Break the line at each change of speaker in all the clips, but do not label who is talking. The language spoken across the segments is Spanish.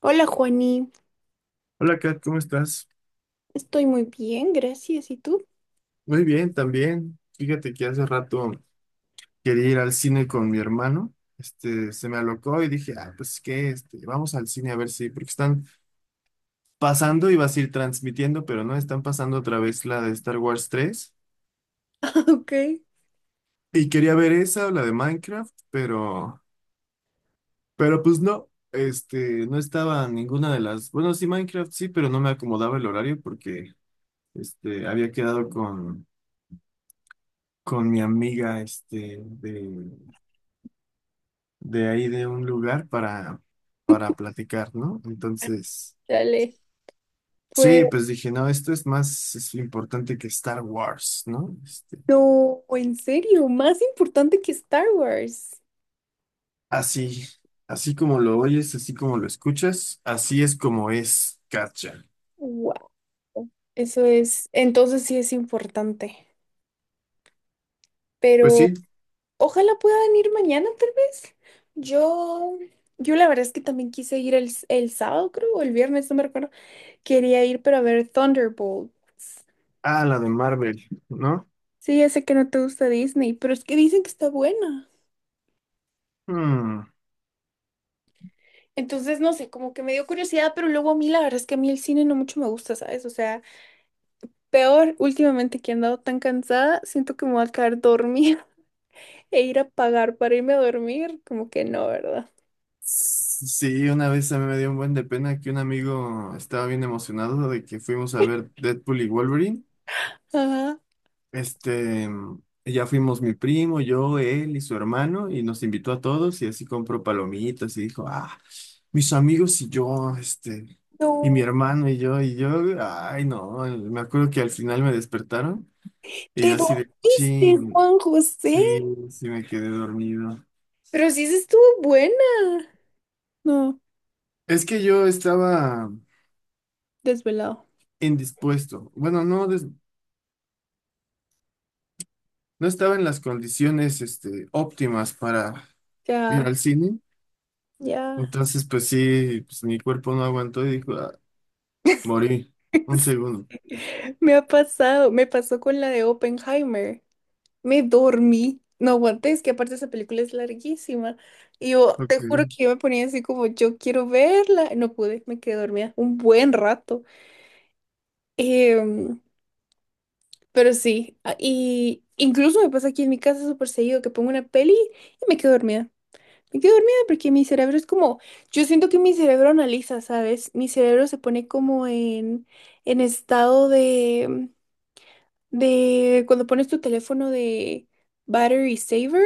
Hola Juani,
Hola Kat, ¿cómo estás?
estoy muy bien, gracias. ¿Y tú?
Muy bien, también. Fíjate que hace rato quería ir al cine con mi hermano. Se me alocó y dije, ah, pues qué, vamos al cine a ver si, porque están pasando, iba a ir transmitiendo, pero no, están pasando otra vez la de Star Wars tres.
Ok,
Y quería ver esa o la de Minecraft, pero pues no, no estaba ninguna de las, bueno, sí, Minecraft sí, pero no me acomodaba el horario porque, había quedado con mi amiga, de ahí de un lugar para platicar, ¿no? Entonces,
dale. Pues
sí, pues dije, no, esto es más es importante que Star Wars, ¿no?
no, en serio, más importante que Star Wars.
Así, así como lo oyes, así como lo escuchas, así es como es, Katja.
Wow, eso es, entonces sí es importante.
Pues
Pero
sí,
ojalá pueda venir mañana, tal vez. Yo, yo la verdad es que también quise ir el sábado, creo, o el viernes, no me recuerdo. Quería ir para ver Thunderbolts.
ah, la de Marvel, ¿no?
Sí, ya sé que no te gusta Disney, pero es que dicen que está buena.
Hmm.
Entonces, no sé, como que me dio curiosidad, pero luego a mí la verdad es que a mí el cine no mucho me gusta, ¿sabes? O sea, peor últimamente que he andado tan cansada, siento que me voy a quedar dormida e ir a pagar para irme a dormir, como que no, ¿verdad?
Sí, una vez a mí me dio un buen de pena que un amigo estaba bien emocionado de que fuimos a ver Deadpool y Wolverine.
Ajá.
Este, ya fuimos mi primo, yo, él y su hermano, y nos invitó a todos, y así compró palomitas, y dijo, ah, mis amigos y yo, y mi
No.
hermano y yo, ay, no, me acuerdo que al final me despertaron, y yo
¿Te
así de,
dormiste,
ching,
Juan José?
sí, sí me quedé dormido.
Pero sí se estuvo buena. No,
Es que yo estaba
desvelado.
indispuesto, bueno, no, no estaba en las condiciones, óptimas para ir
Ya,
al cine,
ya.
entonces, pues sí, pues mi cuerpo no aguantó y dijo, "Ah, morí. Un segundo."
Me ha pasado, me pasó con la de Oppenheimer. Me dormí, no aguanté, es que aparte esa película es larguísima. Y yo te juro
Ok.
que yo me ponía así como, yo quiero verla. No pude, me quedé dormida un buen rato. Em, pero sí, y incluso me pasa aquí en mi casa súper seguido que pongo una peli y me quedo dormida. Me quedo dormida porque mi cerebro es como, yo siento que mi cerebro analiza, ¿sabes? Mi cerebro se pone como en estado de cuando pones tu teléfono de battery saver.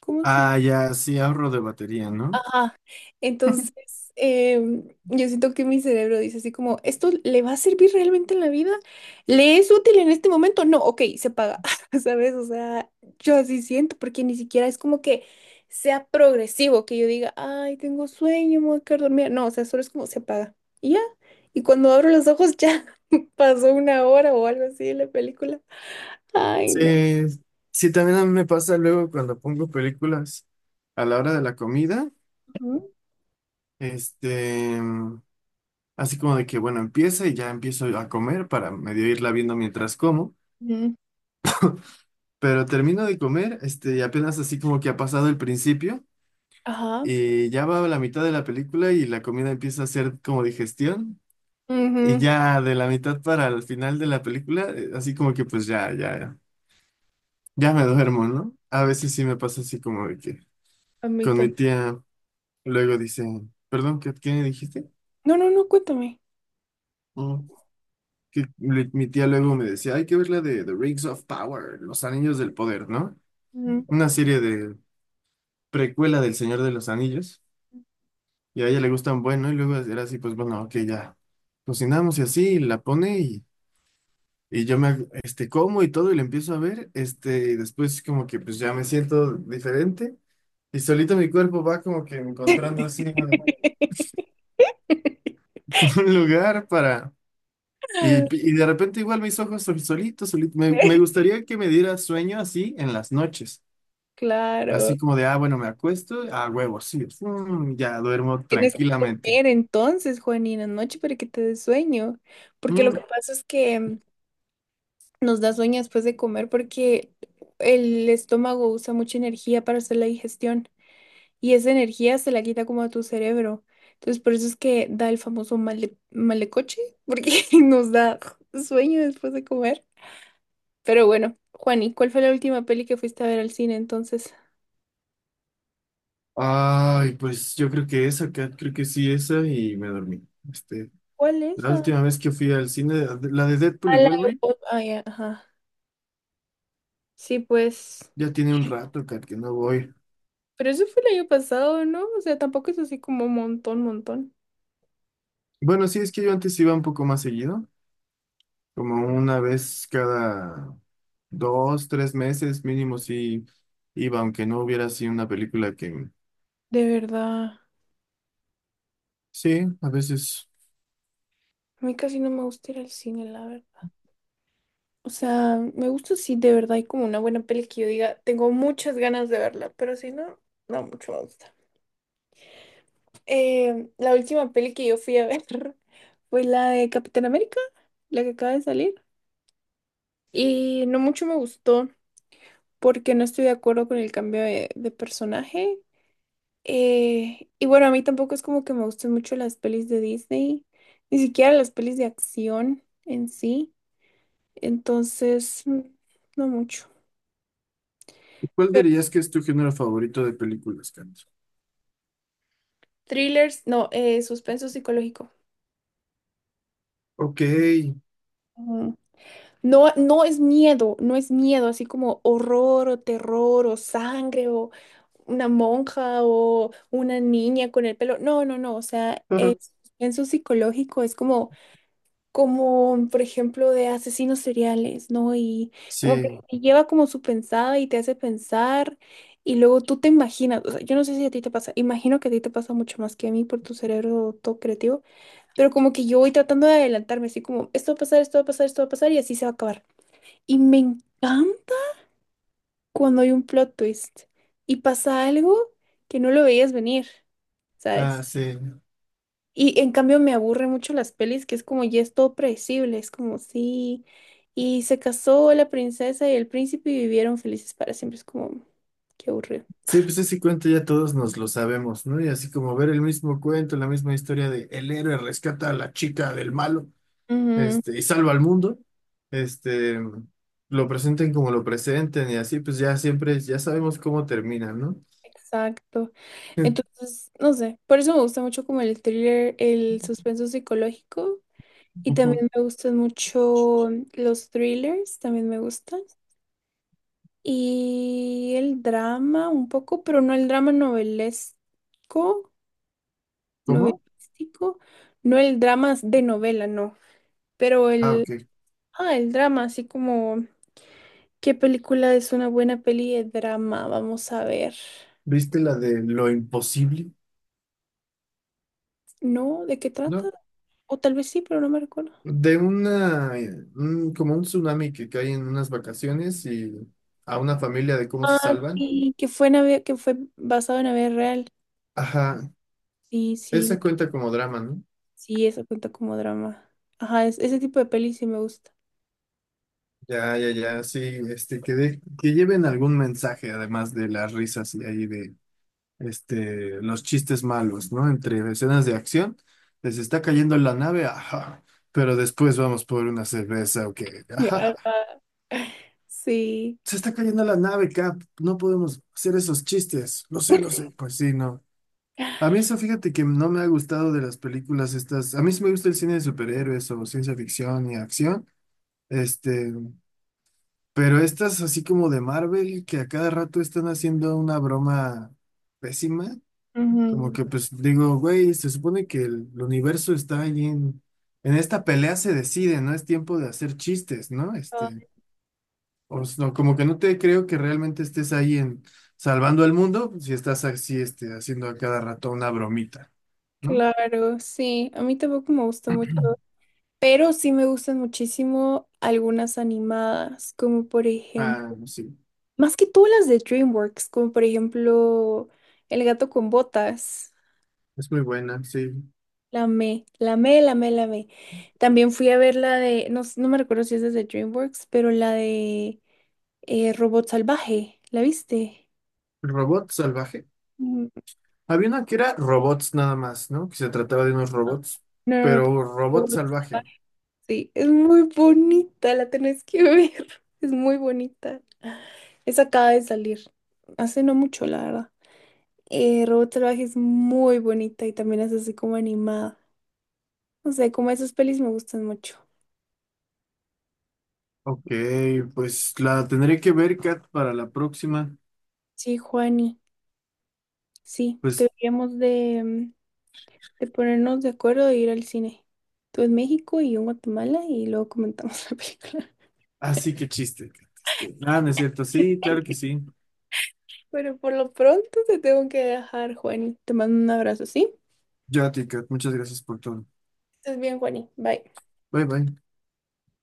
¿Cómo se
Ah, ya, sí, ahorro de batería, ¿no?
Ah, entonces, yo siento que mi cerebro dice así como, ¿esto le va a servir realmente en la vida? ¿Le es útil en este momento? No, ok, se paga, ¿sabes? O sea, yo así siento, porque ni siquiera es como que sea progresivo, que yo diga, ay, tengo sueño, me voy a quedar dormida. No, o sea, solo es como se paga. Y ya, y cuando abro los ojos ya pasó una hora o algo así de la película. Ay, no.
Sí, sí, también a mí me pasa luego cuando pongo películas a la hora de la comida,
Ujú.
este, así como de que, bueno, empieza y ya empiezo a comer para medio irla viendo mientras como,
Ujú.
pero termino de comer, y apenas así como que ha pasado el principio
Ajá.
y ya va a la mitad de la película y la comida empieza a hacer como digestión y
Ujú.
ya de la mitad para el final de la película, así como que pues ya, ya. Ya me duermo, ¿no? A veces sí me pasa así como de que
A mí
con mi
también.
tía luego dice, perdón, ¿qué dijiste?
No, no, no, cuéntame.
Mm, mi tía luego me decía, hay que ver la de The Rings of Power, Los Anillos del Poder, ¿no? Una serie de precuela del Señor de los Anillos. Y a ella le gustan, bueno, y luego era así, pues bueno, ok, ya cocinamos y así, y la pone y yo me, como y todo y la empiezo a ver, y después como que pues ya me siento diferente. Y solito mi cuerpo va como que encontrando así, ¿no? un lugar para... Y, y de repente igual mis ojos solitos, solitos. Me gustaría que me diera sueño así en las noches.
Claro.
Así como de, ah, bueno, me acuesto, ah, huevo, sí, mm, ya duermo
Tienes que
tranquilamente.
comer entonces, Juanina, noche para que te dé sueño. Porque lo que
Mm.
pasa es que nos da sueño después de comer porque el estómago usa mucha energía para hacer la digestión y esa energía se la quita como a tu cerebro. Entonces, por eso es que da el famoso malecoche, porque nos da sueño después de comer. Pero bueno, Juani, ¿cuál fue la última peli que fuiste a ver al cine entonces?
Ay, pues yo creo que esa, creo que sí, esa, y me dormí. Este,
¿Cuál es?
la
Ah,
última vez que fui al cine, la de Deadpool y
la de
Wolverine,
Ah, ya, ajá. Sí, pues.
ya tiene un rato, Kat, que no voy.
Pero eso fue el año pasado, ¿no? O sea, tampoco es así como montón, montón.
Bueno, sí, es que yo antes iba un poco más seguido. Como una vez cada dos, tres meses mínimo sí iba, aunque no hubiera así una película que...
De verdad,
Sí, a veces.
a mí casi no me gusta ir al cine, la verdad. O sea, me gusta si de verdad hay como una buena peli que yo diga, tengo muchas ganas de verla, pero si no, no mucho me gusta. La última peli que yo fui a ver fue la de Capitán América, la que acaba de salir. Y no mucho me gustó porque no estoy de acuerdo con el cambio de personaje. Y bueno, a mí tampoco es como que me gusten mucho las pelis de Disney, ni siquiera las pelis de acción en sí. Entonces, no mucho.
¿Y cuál
Pero
dirías que es tu género favorito de películas, Carlos?
thrillers, no, suspenso psicológico.
Ok.
Ujú. No, no es miedo, no es miedo, así como horror o terror o sangre o una monja o una niña con el pelo. No, no, no, o sea, es suspenso psicológico, es como como por ejemplo de asesinos seriales, ¿no? Y como que
Sí,
te lleva como su pensada y te hace pensar y luego tú te imaginas, o sea, yo no sé si a ti te pasa, imagino que a ti te pasa mucho más que a mí por tu cerebro todo creativo, pero como que yo voy tratando de adelantarme, así como esto va a pasar, esto va a pasar, esto va a pasar y así se va a acabar. Y me encanta cuando hay un plot twist y pasa algo que no lo veías venir,
ah,
¿sabes?
sí.
Y en cambio me aburre mucho las pelis que es como ya es todo predecible, es como sí, y se casó la princesa y el príncipe y vivieron felices para siempre, es como, qué aburrido.
Sí, pues ese cuento ya todos nos lo sabemos, ¿no? Y así como ver el mismo cuento, la misma historia de el héroe rescata a la chica del malo.
Ujú,
Y salva al mundo, este, lo presenten como lo presenten y así, pues ya siempre, ya sabemos cómo termina, ¿no?
exacto.
Ent-
Entonces, no sé, por eso me gusta mucho como el thriller, el suspenso psicológico y
Ujú.
también me gustan mucho los thrillers, también me gustan. Y el drama un poco, pero no el drama novelesco.
¿Cómo?
Novelístico, no el drama de novela, no, pero
Ah,
el,
ok.
ah, el drama, así como, ¿qué película es una buena peli de drama? Vamos a ver.
¿Viste la de lo imposible?
¿No? ¿De qué trata?
¿No?
O tal vez sí, pero no me recuerdo.
De una, como un tsunami que cae en unas vacaciones y a una familia de cómo se
Ah,
salvan.
sí, que fue, que fue basado en la vida real.
Ajá,
Sí, sí,
esa cuenta como drama, ¿no?
sí, eso cuenta como drama. Ajá, ese tipo de peli sí me gusta.
Ya, ya, ya, sí, que lleven algún mensaje además de las risas y ahí los chistes malos, ¿no? Entre escenas de acción, les está cayendo la nave, ajá, pero después vamos por una cerveza, ok,
Ajá.
ajá,
Sí.
se está cayendo la nave, Cap, no podemos hacer esos chistes, lo sé, pues sí, no. A mí eso, fíjate que no me ha gustado de las películas estas, a mí sí me gusta el cine de superhéroes o ciencia ficción y acción, este, pero estas así como de Marvel, que a cada rato están haciendo una broma pésima. Como
Ujú.
que pues digo, güey, se supone que el universo está ahí en esta pelea se decide, no es tiempo de hacer chistes, ¿no?
Ah,
No, como que no te creo que realmente estés ahí en salvando el mundo si estás así, haciendo a cada rato una bromita, ¿no?
claro, sí. A mí tampoco me gusta mucho. Pero sí me gustan muchísimo algunas animadas, como por ejemplo,
Ah, sí,
más que todas las de DreamWorks, como por ejemplo El gato con botas,
es muy buena, sí.
la me. También fui a ver la de, no, no me recuerdo si es de DreamWorks, pero la de Robot Salvaje, ¿la viste?
Robot salvaje.
Mm,
Había una que era robots nada más, ¿no? Que se trataba de unos robots,
No, no, no,
pero
pero
robot
Robot
salvaje.
Salvaje, sí, es muy bonita, la tenés que ver, es muy bonita. Esa acaba de salir, hace no mucho, la verdad. Robot Salvaje es muy bonita y también es así como animada. No sé, como esas pelis me gustan mucho.
Ok, pues la tendré que ver, Kat, para la próxima.
Sí, Juani, sí,
Pues
deberíamos de, de ponernos de acuerdo de ir al cine. Tú en México y yo en Guatemala y luego comentamos la película.
así que chiste. Kat, ah, no es cierto. Sí, claro que sí.
Pero por lo pronto te tengo que dejar, Juani. Te mando un abrazo, ¿sí?
Yo a ti, Kat. Muchas gracias por todo.
Estés bien, Juani. Bye.
Bye, bye.